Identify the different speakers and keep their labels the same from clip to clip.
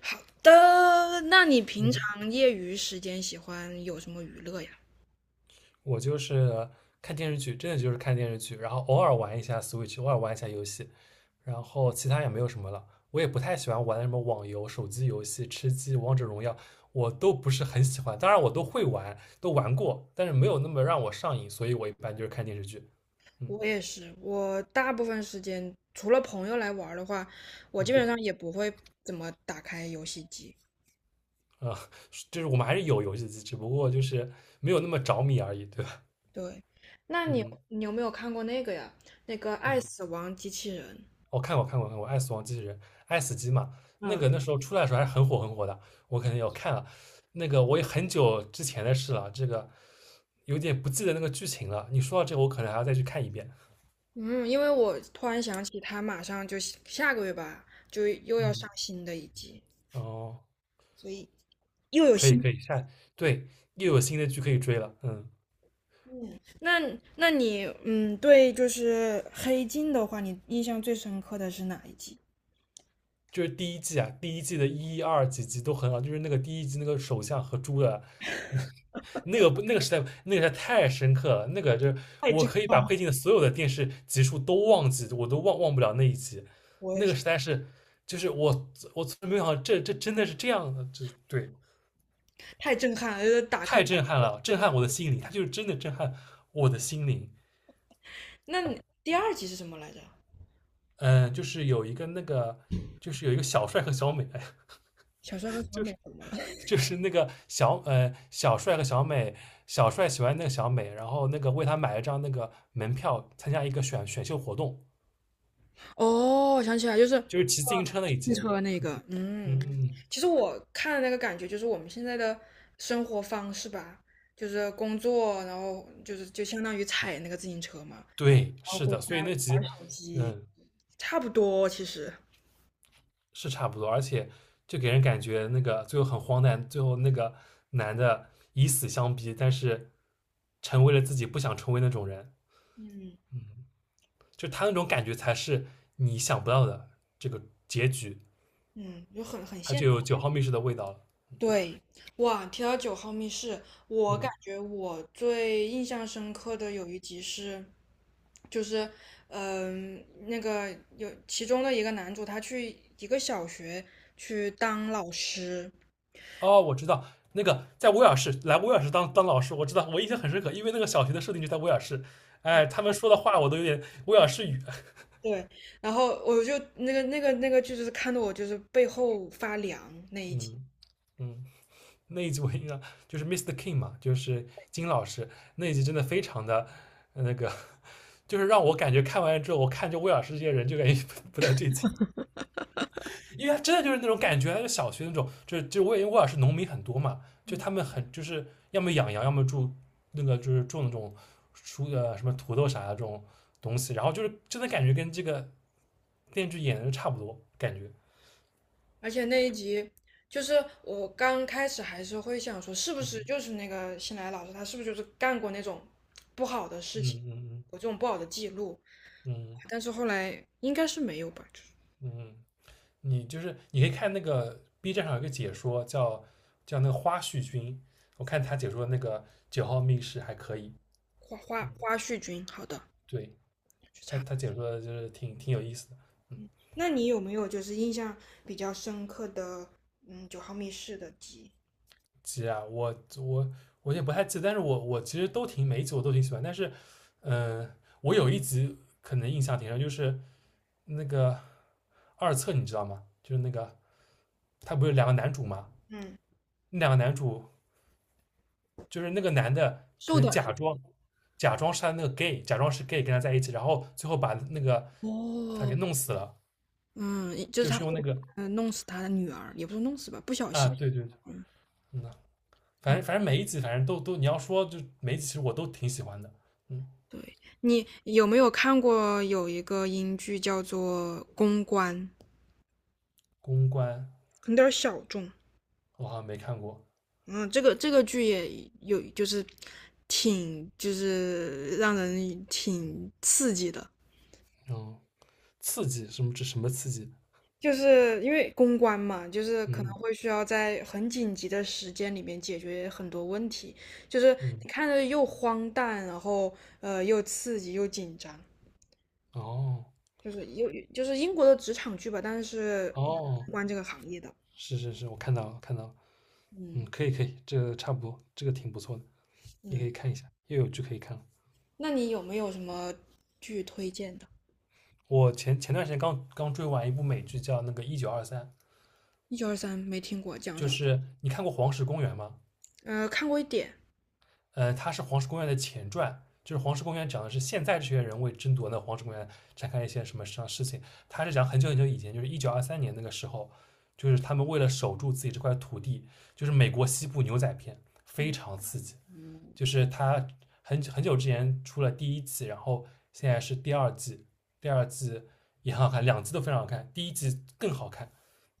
Speaker 1: 好的，那你平
Speaker 2: 嗯，
Speaker 1: 常业余时间喜欢有什么娱乐呀？
Speaker 2: 我就是看电视剧，真的就是看电视剧，然后偶尔玩一下 Switch，偶尔玩一下游戏，然后其他也没有什么了。我也不太喜欢玩什么网游、手机游戏、吃鸡、王者荣耀，我都不是很喜欢。当然，我都会玩，都玩过，但是没有那么让我上瘾，所以我一般就是看电视剧。嗯。
Speaker 1: 我也是，我大部分时间除了朋友来玩儿的话，我基
Speaker 2: 嗯。
Speaker 1: 本上也不会怎么打开游戏机。
Speaker 2: 啊，就是我们还是有游戏机，只不过就是没有那么着迷而已，对吧？
Speaker 1: 对，那你
Speaker 2: 嗯。
Speaker 1: 你有没有看过那个呀？那个《爱死
Speaker 2: 嗯。
Speaker 1: 亡机器人》。
Speaker 2: 我看过《爱死亡机器人》，《爱死机》嘛，那
Speaker 1: 嗯
Speaker 2: 个那时候出来的时候还是很火很火的，我肯定有看了。那个我也很久之前的事了，这个有点不记得那个剧情了。你说到这个，我可能还要再去看一遍。
Speaker 1: 嗯，因为我突然想起，它马上就下下个月吧，就又要
Speaker 2: 嗯，
Speaker 1: 上新的一季，
Speaker 2: 哦，
Speaker 1: 所以又有
Speaker 2: 可以
Speaker 1: 新。
Speaker 2: 可以，下，对，又有新的剧可以追了。嗯。
Speaker 1: 那那你嗯，对，就是黑镜的话，你印象最深刻的是哪一集？
Speaker 2: 就是第一季啊，第一季的一二几集都很好，就是那个第一季那个首相和猪的，那 那个不那个时代那个时代太深刻了，那个就是
Speaker 1: 太
Speaker 2: 我
Speaker 1: 震
Speaker 2: 可以把
Speaker 1: 撼了，
Speaker 2: 配镜的所有的电视集数都忘记，我都忘不了那一集，
Speaker 1: 我也
Speaker 2: 那个
Speaker 1: 是
Speaker 2: 时代是，就是我从来没有想到这真的是这样的，这对。
Speaker 1: 太震撼了，就是打开。
Speaker 2: 太震撼了，震撼我的心灵，它就是真的震撼我的心灵。
Speaker 1: 那你第二集是什么来着？
Speaker 2: 嗯，就是有一个那个就是有一个小帅和小美，哎，
Speaker 1: 小帅和小美怎么了？
Speaker 2: 就是那个小帅和小美，小帅喜欢那个小美，然后那个为他买一张那个门票，参加一个选秀活动，
Speaker 1: 哦，我想起来，就是
Speaker 2: 就是骑自行车那一
Speaker 1: 汽
Speaker 2: 集。
Speaker 1: 车那个，
Speaker 2: 嗯，
Speaker 1: 嗯，
Speaker 2: 嗯嗯。
Speaker 1: 其实我看的那个感觉就是我们现在的生活方式吧，就是工作，然后就是就相当于踩那个自行车嘛，然
Speaker 2: 对，
Speaker 1: 后
Speaker 2: 是
Speaker 1: 回
Speaker 2: 的，所
Speaker 1: 家
Speaker 2: 以那
Speaker 1: 玩
Speaker 2: 集。
Speaker 1: 手机，
Speaker 2: 嗯。
Speaker 1: 差不多其实。
Speaker 2: 是差不多，而且就给人感觉那个最后很荒诞，最后那个男的以死相逼，但是成为了自己不想成为那种人，
Speaker 1: 嗯，
Speaker 2: 就他那种感觉才是你想不到的这个结局，
Speaker 1: 嗯，就很
Speaker 2: 他
Speaker 1: 现
Speaker 2: 就
Speaker 1: 实。
Speaker 2: 有九号密室的味道了。
Speaker 1: 对，哇，提到九号密室，我感
Speaker 2: 嗯。
Speaker 1: 觉我最印象深刻的有一集是，就是，那个有其中的一个男主，他去一个小学去当老师，
Speaker 2: 哦，我知道那个在威尔士，来威尔士当老师，我知道，我印象很深刻，因为那个小学的设定就在威尔士。哎，他们说的话我都有点威尔士语。
Speaker 1: 对，然后我就那个剧，就是看得我就是背后发凉那一集。
Speaker 2: 嗯。嗯，那一集我印象，就是 Mr. King 嘛，就是金老师，那一集真的非常的，那个，就是让我感觉看完之后，我看就威尔士这些人就感觉 不太对劲。因为他真的就是那种感觉，就小学那种，就是就我也因为沃尔是农民很多嘛，就他们很就是要么养羊，要么住那个就是种那种什么土豆啥的这种东西，然后就是真的感觉跟这个电视剧演的差不多，感觉。
Speaker 1: 而且那一集，就是我刚开始还是会想说，是不是就
Speaker 2: 嗯
Speaker 1: 是那个新来老师，他是不是就是干过那种不好的
Speaker 2: 嗯
Speaker 1: 事情，
Speaker 2: 嗯。
Speaker 1: 有这种不好的记录？
Speaker 2: 嗯。
Speaker 1: 但是后来应该是没有吧，就是
Speaker 2: 嗯，嗯，你就是你可以看那个 B 站上有一个解说叫，叫那个花絮君，我看他解说那个九号密室还可以。
Speaker 1: 花花
Speaker 2: 嗯，
Speaker 1: 花絮君，好的，
Speaker 2: 对。
Speaker 1: 去
Speaker 2: 他
Speaker 1: 查。
Speaker 2: 他解说的就是挺有意思的。
Speaker 1: 那你有没有就是印象比较深刻的，嗯，九号密室的集？
Speaker 2: 集啊，我也不太记得，但是我其实都挺，每一集我都挺喜欢，但是，嗯、我有一集可能印象挺深，就是那个二册，你知道吗？就是那个，他不是有两个男主吗？
Speaker 1: 嗯，
Speaker 2: 那两个男主，就是那个男的可
Speaker 1: 瘦
Speaker 2: 能
Speaker 1: 点
Speaker 2: 假
Speaker 1: 儿
Speaker 2: 装，是他那个 gay，假装是 gay 跟他在一起，然后最后把那个
Speaker 1: 的
Speaker 2: 他给
Speaker 1: 哦，
Speaker 2: 弄死了，
Speaker 1: 嗯，就是
Speaker 2: 就
Speaker 1: 他
Speaker 2: 是
Speaker 1: 会，
Speaker 2: 用那个。
Speaker 1: 嗯，弄死他的女儿，也不是弄死吧，不小
Speaker 2: 啊，
Speaker 1: 心，
Speaker 2: 对对对。
Speaker 1: 嗯，
Speaker 2: 嗯。反正，每一集反正都你要说，就每一集其实我都挺喜欢的。嗯，
Speaker 1: 对，你有没有看过有一个英剧叫做《公关》，
Speaker 2: 公关，
Speaker 1: 很点儿小众。
Speaker 2: 我好像没看过。
Speaker 1: 嗯，这个剧也有，就是挺就是让人挺刺激的，
Speaker 2: 嗯，刺激什么？这什么刺激？
Speaker 1: 就是因为公关嘛，就是可能
Speaker 2: 嗯。
Speaker 1: 会需要在很紧急的时间里面解决很多问题，就是
Speaker 2: 嗯，
Speaker 1: 你看着又荒诞，然后又刺激又紧张，
Speaker 2: 哦。
Speaker 1: 就是又就是英国的职场剧吧，但是
Speaker 2: 哦，
Speaker 1: 关这个行业的，
Speaker 2: 是是是，我看到了看到了。嗯，
Speaker 1: 嗯
Speaker 2: 可以可以，这个差不多，这个挺不错的，你可
Speaker 1: 嗯。
Speaker 2: 以看一下，又有剧可以看了。
Speaker 1: 那你有没有什么剧推荐的？
Speaker 2: 我前段时间刚刚追完一部美剧，叫那个《一九二三》。
Speaker 1: 一九二三没听过，讲
Speaker 2: 就
Speaker 1: 什么？
Speaker 2: 是你看过《黄石公园》吗？
Speaker 1: 看过一点。
Speaker 2: 呃，它是《黄石公园》的前传，就是《黄石公园》讲的是现在这些人为争夺那黄石公园展开一些什么什么事情。它是讲很久很久以前，就是一九二三年那个时候，就是他们为了守住自己这块土地，就是美国西部牛仔片，非常刺激。
Speaker 1: 嗯
Speaker 2: 就是它很久之前出了第一季，然后现在是第二季，第二季也很好看，两季都非常好看，第一季更好看。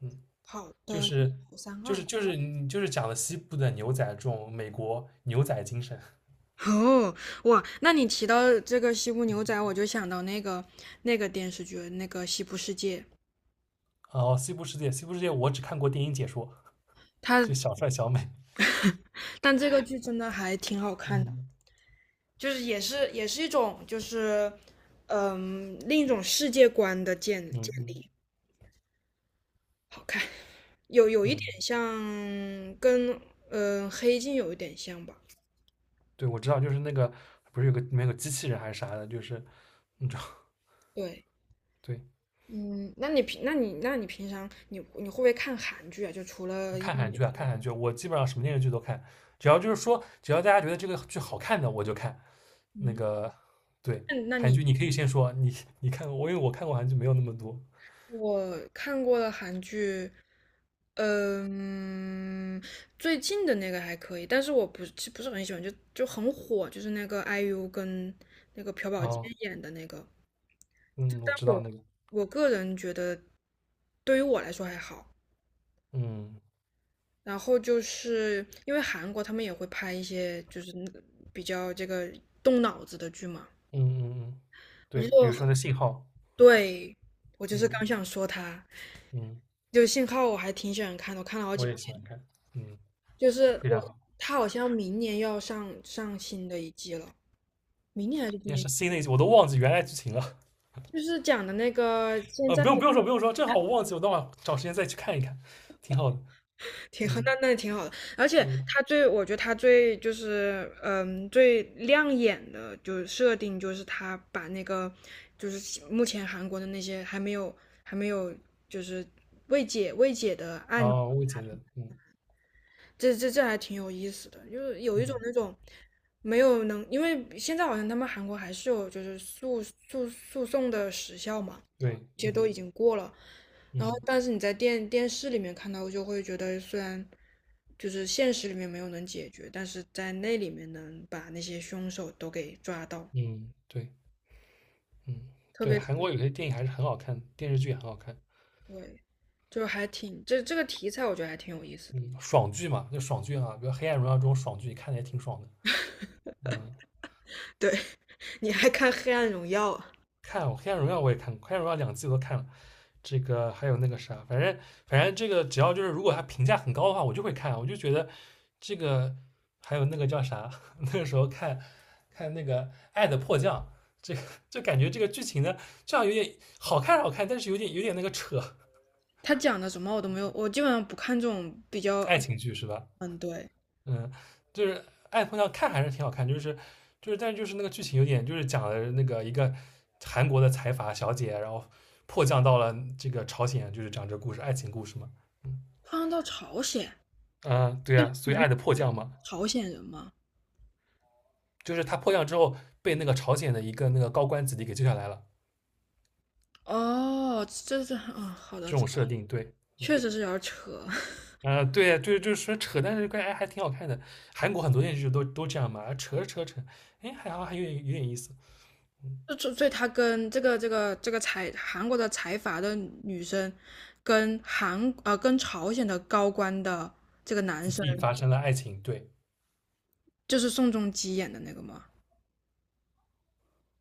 Speaker 2: 嗯，
Speaker 1: 好
Speaker 2: 就
Speaker 1: 的，
Speaker 2: 是
Speaker 1: 好三
Speaker 2: 就是
Speaker 1: 二。
Speaker 2: 就是你就是讲了西部的牛仔这种美国牛仔精神。
Speaker 1: 哦，哇，那你提到这个西部牛仔，我就想到那个电视剧，那个《西部世界》，
Speaker 2: 哦，《西部世界》，《西部世界》我只看过电影解说，
Speaker 1: 它
Speaker 2: 就小帅小美。
Speaker 1: 但这个剧真的还挺好看的，
Speaker 2: 嗯
Speaker 1: 就是也是一种就是嗯另一种世界观的建建
Speaker 2: 嗯嗯。
Speaker 1: 立，好看，有一
Speaker 2: 嗯，
Speaker 1: 点像跟黑镜有一点像吧，
Speaker 2: 对，我知道，就是那个不是有个里面有个机器人还是啥的，就是你知道。
Speaker 1: 对。
Speaker 2: 对，
Speaker 1: 嗯，那你平常你会不会看韩剧啊？就除了英
Speaker 2: 看韩
Speaker 1: 语
Speaker 2: 剧啊，看韩剧，我基本上什么电视剧都看，只要就是说，只要大家觉得这个剧好看的，我就看。那
Speaker 1: 嗯，
Speaker 2: 个，对，
Speaker 1: 那那
Speaker 2: 韩
Speaker 1: 你
Speaker 2: 剧你可以先说，你你看过，我因为我看过韩剧没有那么多。
Speaker 1: 我看过的韩剧，嗯，最近的那个还可以，但是我不是很喜欢，就很火，就是那个 IU 跟那个朴宝剑
Speaker 2: 哦，
Speaker 1: 演的那个。
Speaker 2: 嗯，我
Speaker 1: 但
Speaker 2: 知道
Speaker 1: 我
Speaker 2: 那个。
Speaker 1: 我个人觉得，对于我来说还好。
Speaker 2: 嗯
Speaker 1: 然后就是因为韩国他们也会拍一些就是比较这个动脑子的剧嘛。
Speaker 2: 嗯嗯嗯。
Speaker 1: 我
Speaker 2: 对，
Speaker 1: 觉
Speaker 2: 比如说
Speaker 1: 得。
Speaker 2: 那信号。
Speaker 1: 对，我就是
Speaker 2: 嗯
Speaker 1: 刚想说他，
Speaker 2: 嗯，
Speaker 1: 就信号我还挺喜欢看的，我看了好几
Speaker 2: 我也
Speaker 1: 遍。
Speaker 2: 喜欢看。嗯。
Speaker 1: 就是
Speaker 2: 非
Speaker 1: 我，
Speaker 2: 常好。
Speaker 1: 他好像明年要上新的一季了，明年还是今
Speaker 2: 也
Speaker 1: 年？
Speaker 2: 是新的一集，我都忘记原来剧情了。
Speaker 1: 就是讲的那个现
Speaker 2: 呃，
Speaker 1: 在
Speaker 2: 不用说不用说，正好我忘记，我等会找时间再去看一看，挺好的。
Speaker 1: 挺好，那
Speaker 2: 嗯。
Speaker 1: 那挺好的。而且
Speaker 2: 嗯，
Speaker 1: 他最，我觉得他最就是最亮眼的就是设定，就是他把那个就是目前韩国的那些还没有就是未解的案
Speaker 2: 哦，我也觉得。嗯。
Speaker 1: 这还挺有意思的，就是有一种
Speaker 2: 嗯，
Speaker 1: 那种没有能，因为现在好像他们韩国还是有就是诉讼的时效嘛，
Speaker 2: 对。
Speaker 1: 这些都
Speaker 2: 嗯
Speaker 1: 已经过了，然后
Speaker 2: 嗯
Speaker 1: 但是你在电视里面看到，就会觉得虽然就是现实里面没有能解决，但是在那里面能把那些凶手都给抓到，
Speaker 2: 嗯。对。嗯。
Speaker 1: 特
Speaker 2: 对，
Speaker 1: 别是
Speaker 2: 韩国有些电影还是很好看，电视剧也很好看。
Speaker 1: 对，就还挺这个题材我觉得还挺有意思的。
Speaker 2: 嗯，爽剧嘛，就爽剧啊，比如《黑暗荣耀》这种爽剧，看的也挺爽的。嗯，
Speaker 1: 对，你还看《黑暗荣耀》啊？
Speaker 2: 看《黑暗荣耀》我也看过，《黑暗荣耀》两季我都看了，这个还有那个啥，反正这个只要就是如果它评价很高的话，我就会看，我就觉得这个，还有那个叫啥，那个时候看，看那个《爱的迫降》，这个就感觉这个剧情呢，这样有点好看，但是有点那个扯。
Speaker 1: 他讲的什么我都没有，我基本上不看这种比较，
Speaker 2: 爱情剧是吧？
Speaker 1: 嗯，对，
Speaker 2: 嗯，就是爱碰上看还是挺好看，就是，但是就是那个剧情有点，就是讲了那个一个韩国的财阀小姐，然后迫降到了这个朝鲜，就是讲这个故事，爱情故事嘛。嗯，
Speaker 1: 换到朝鲜，
Speaker 2: 啊，对
Speaker 1: 对，
Speaker 2: 啊，所以爱的迫降嘛，
Speaker 1: 朝鲜人嘛，
Speaker 2: 就是他迫降之后被那个朝鲜的一个那个高官子弟给救下来了，
Speaker 1: 哦，这啊，嗯，好的，
Speaker 2: 这
Speaker 1: 这
Speaker 2: 种设定，对。嗯，
Speaker 1: 确实是有点扯，
Speaker 2: 啊，对啊，对，就是说扯，但是感觉哎还挺好看的。韩国很多电视剧都这样嘛，啊扯着扯着扯，哎，还好还有点意思。
Speaker 1: 所以他跟这个韩国的财阀的女生，跟跟朝鲜的高官的这个男
Speaker 2: 子
Speaker 1: 生，
Speaker 2: 弟发生了爱情，对。
Speaker 1: 就是宋仲基演的那个吗？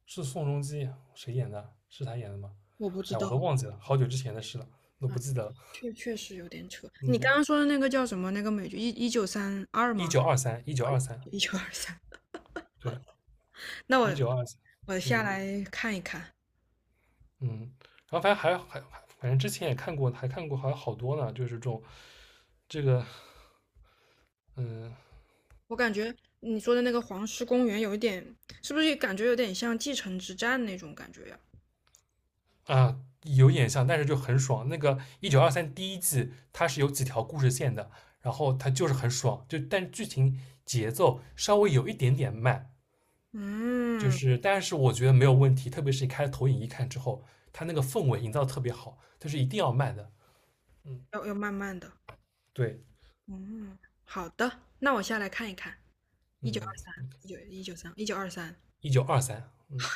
Speaker 2: 是宋仲基谁演的？是他演的吗？
Speaker 1: 我不知
Speaker 2: 哎，我
Speaker 1: 道
Speaker 2: 都忘记了，好久之前的事了，都
Speaker 1: 啊，
Speaker 2: 不记得了。
Speaker 1: 确实有点扯。你刚
Speaker 2: 嗯，
Speaker 1: 刚说的那个叫什么？那个美剧1932
Speaker 2: 一
Speaker 1: 吗？
Speaker 2: 九二三，一九二三，
Speaker 1: 一九二三。
Speaker 2: 对，
Speaker 1: 那我
Speaker 2: 一九二三。
Speaker 1: 我下
Speaker 2: 嗯
Speaker 1: 来看一看。
Speaker 2: 嗯，然后反正反正之前也看过，还看过，还有好多呢，就是这种这个。嗯。
Speaker 1: 我感觉你说的那个黄石公园有一点，是不是感觉有点像继承之战那种感觉呀？
Speaker 2: 啊，有点像，但是就很爽。那个一九二三第一季它是有几条故事线的，然后它就是很爽，就但剧情节奏稍微有一点点慢，就
Speaker 1: 嗯，
Speaker 2: 是，但是我觉得没有问题，特别是你开投影仪看之后，它那个氛围营造特别好，但是一定要慢的。嗯，
Speaker 1: 要慢慢的。
Speaker 2: 对，
Speaker 1: 嗯，好的，那我下来看一看。一九二
Speaker 2: 嗯，
Speaker 1: 三，一九二三，一九二三
Speaker 2: 一九二三，嗯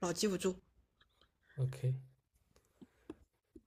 Speaker 1: 老记不住。
Speaker 2: ，OK。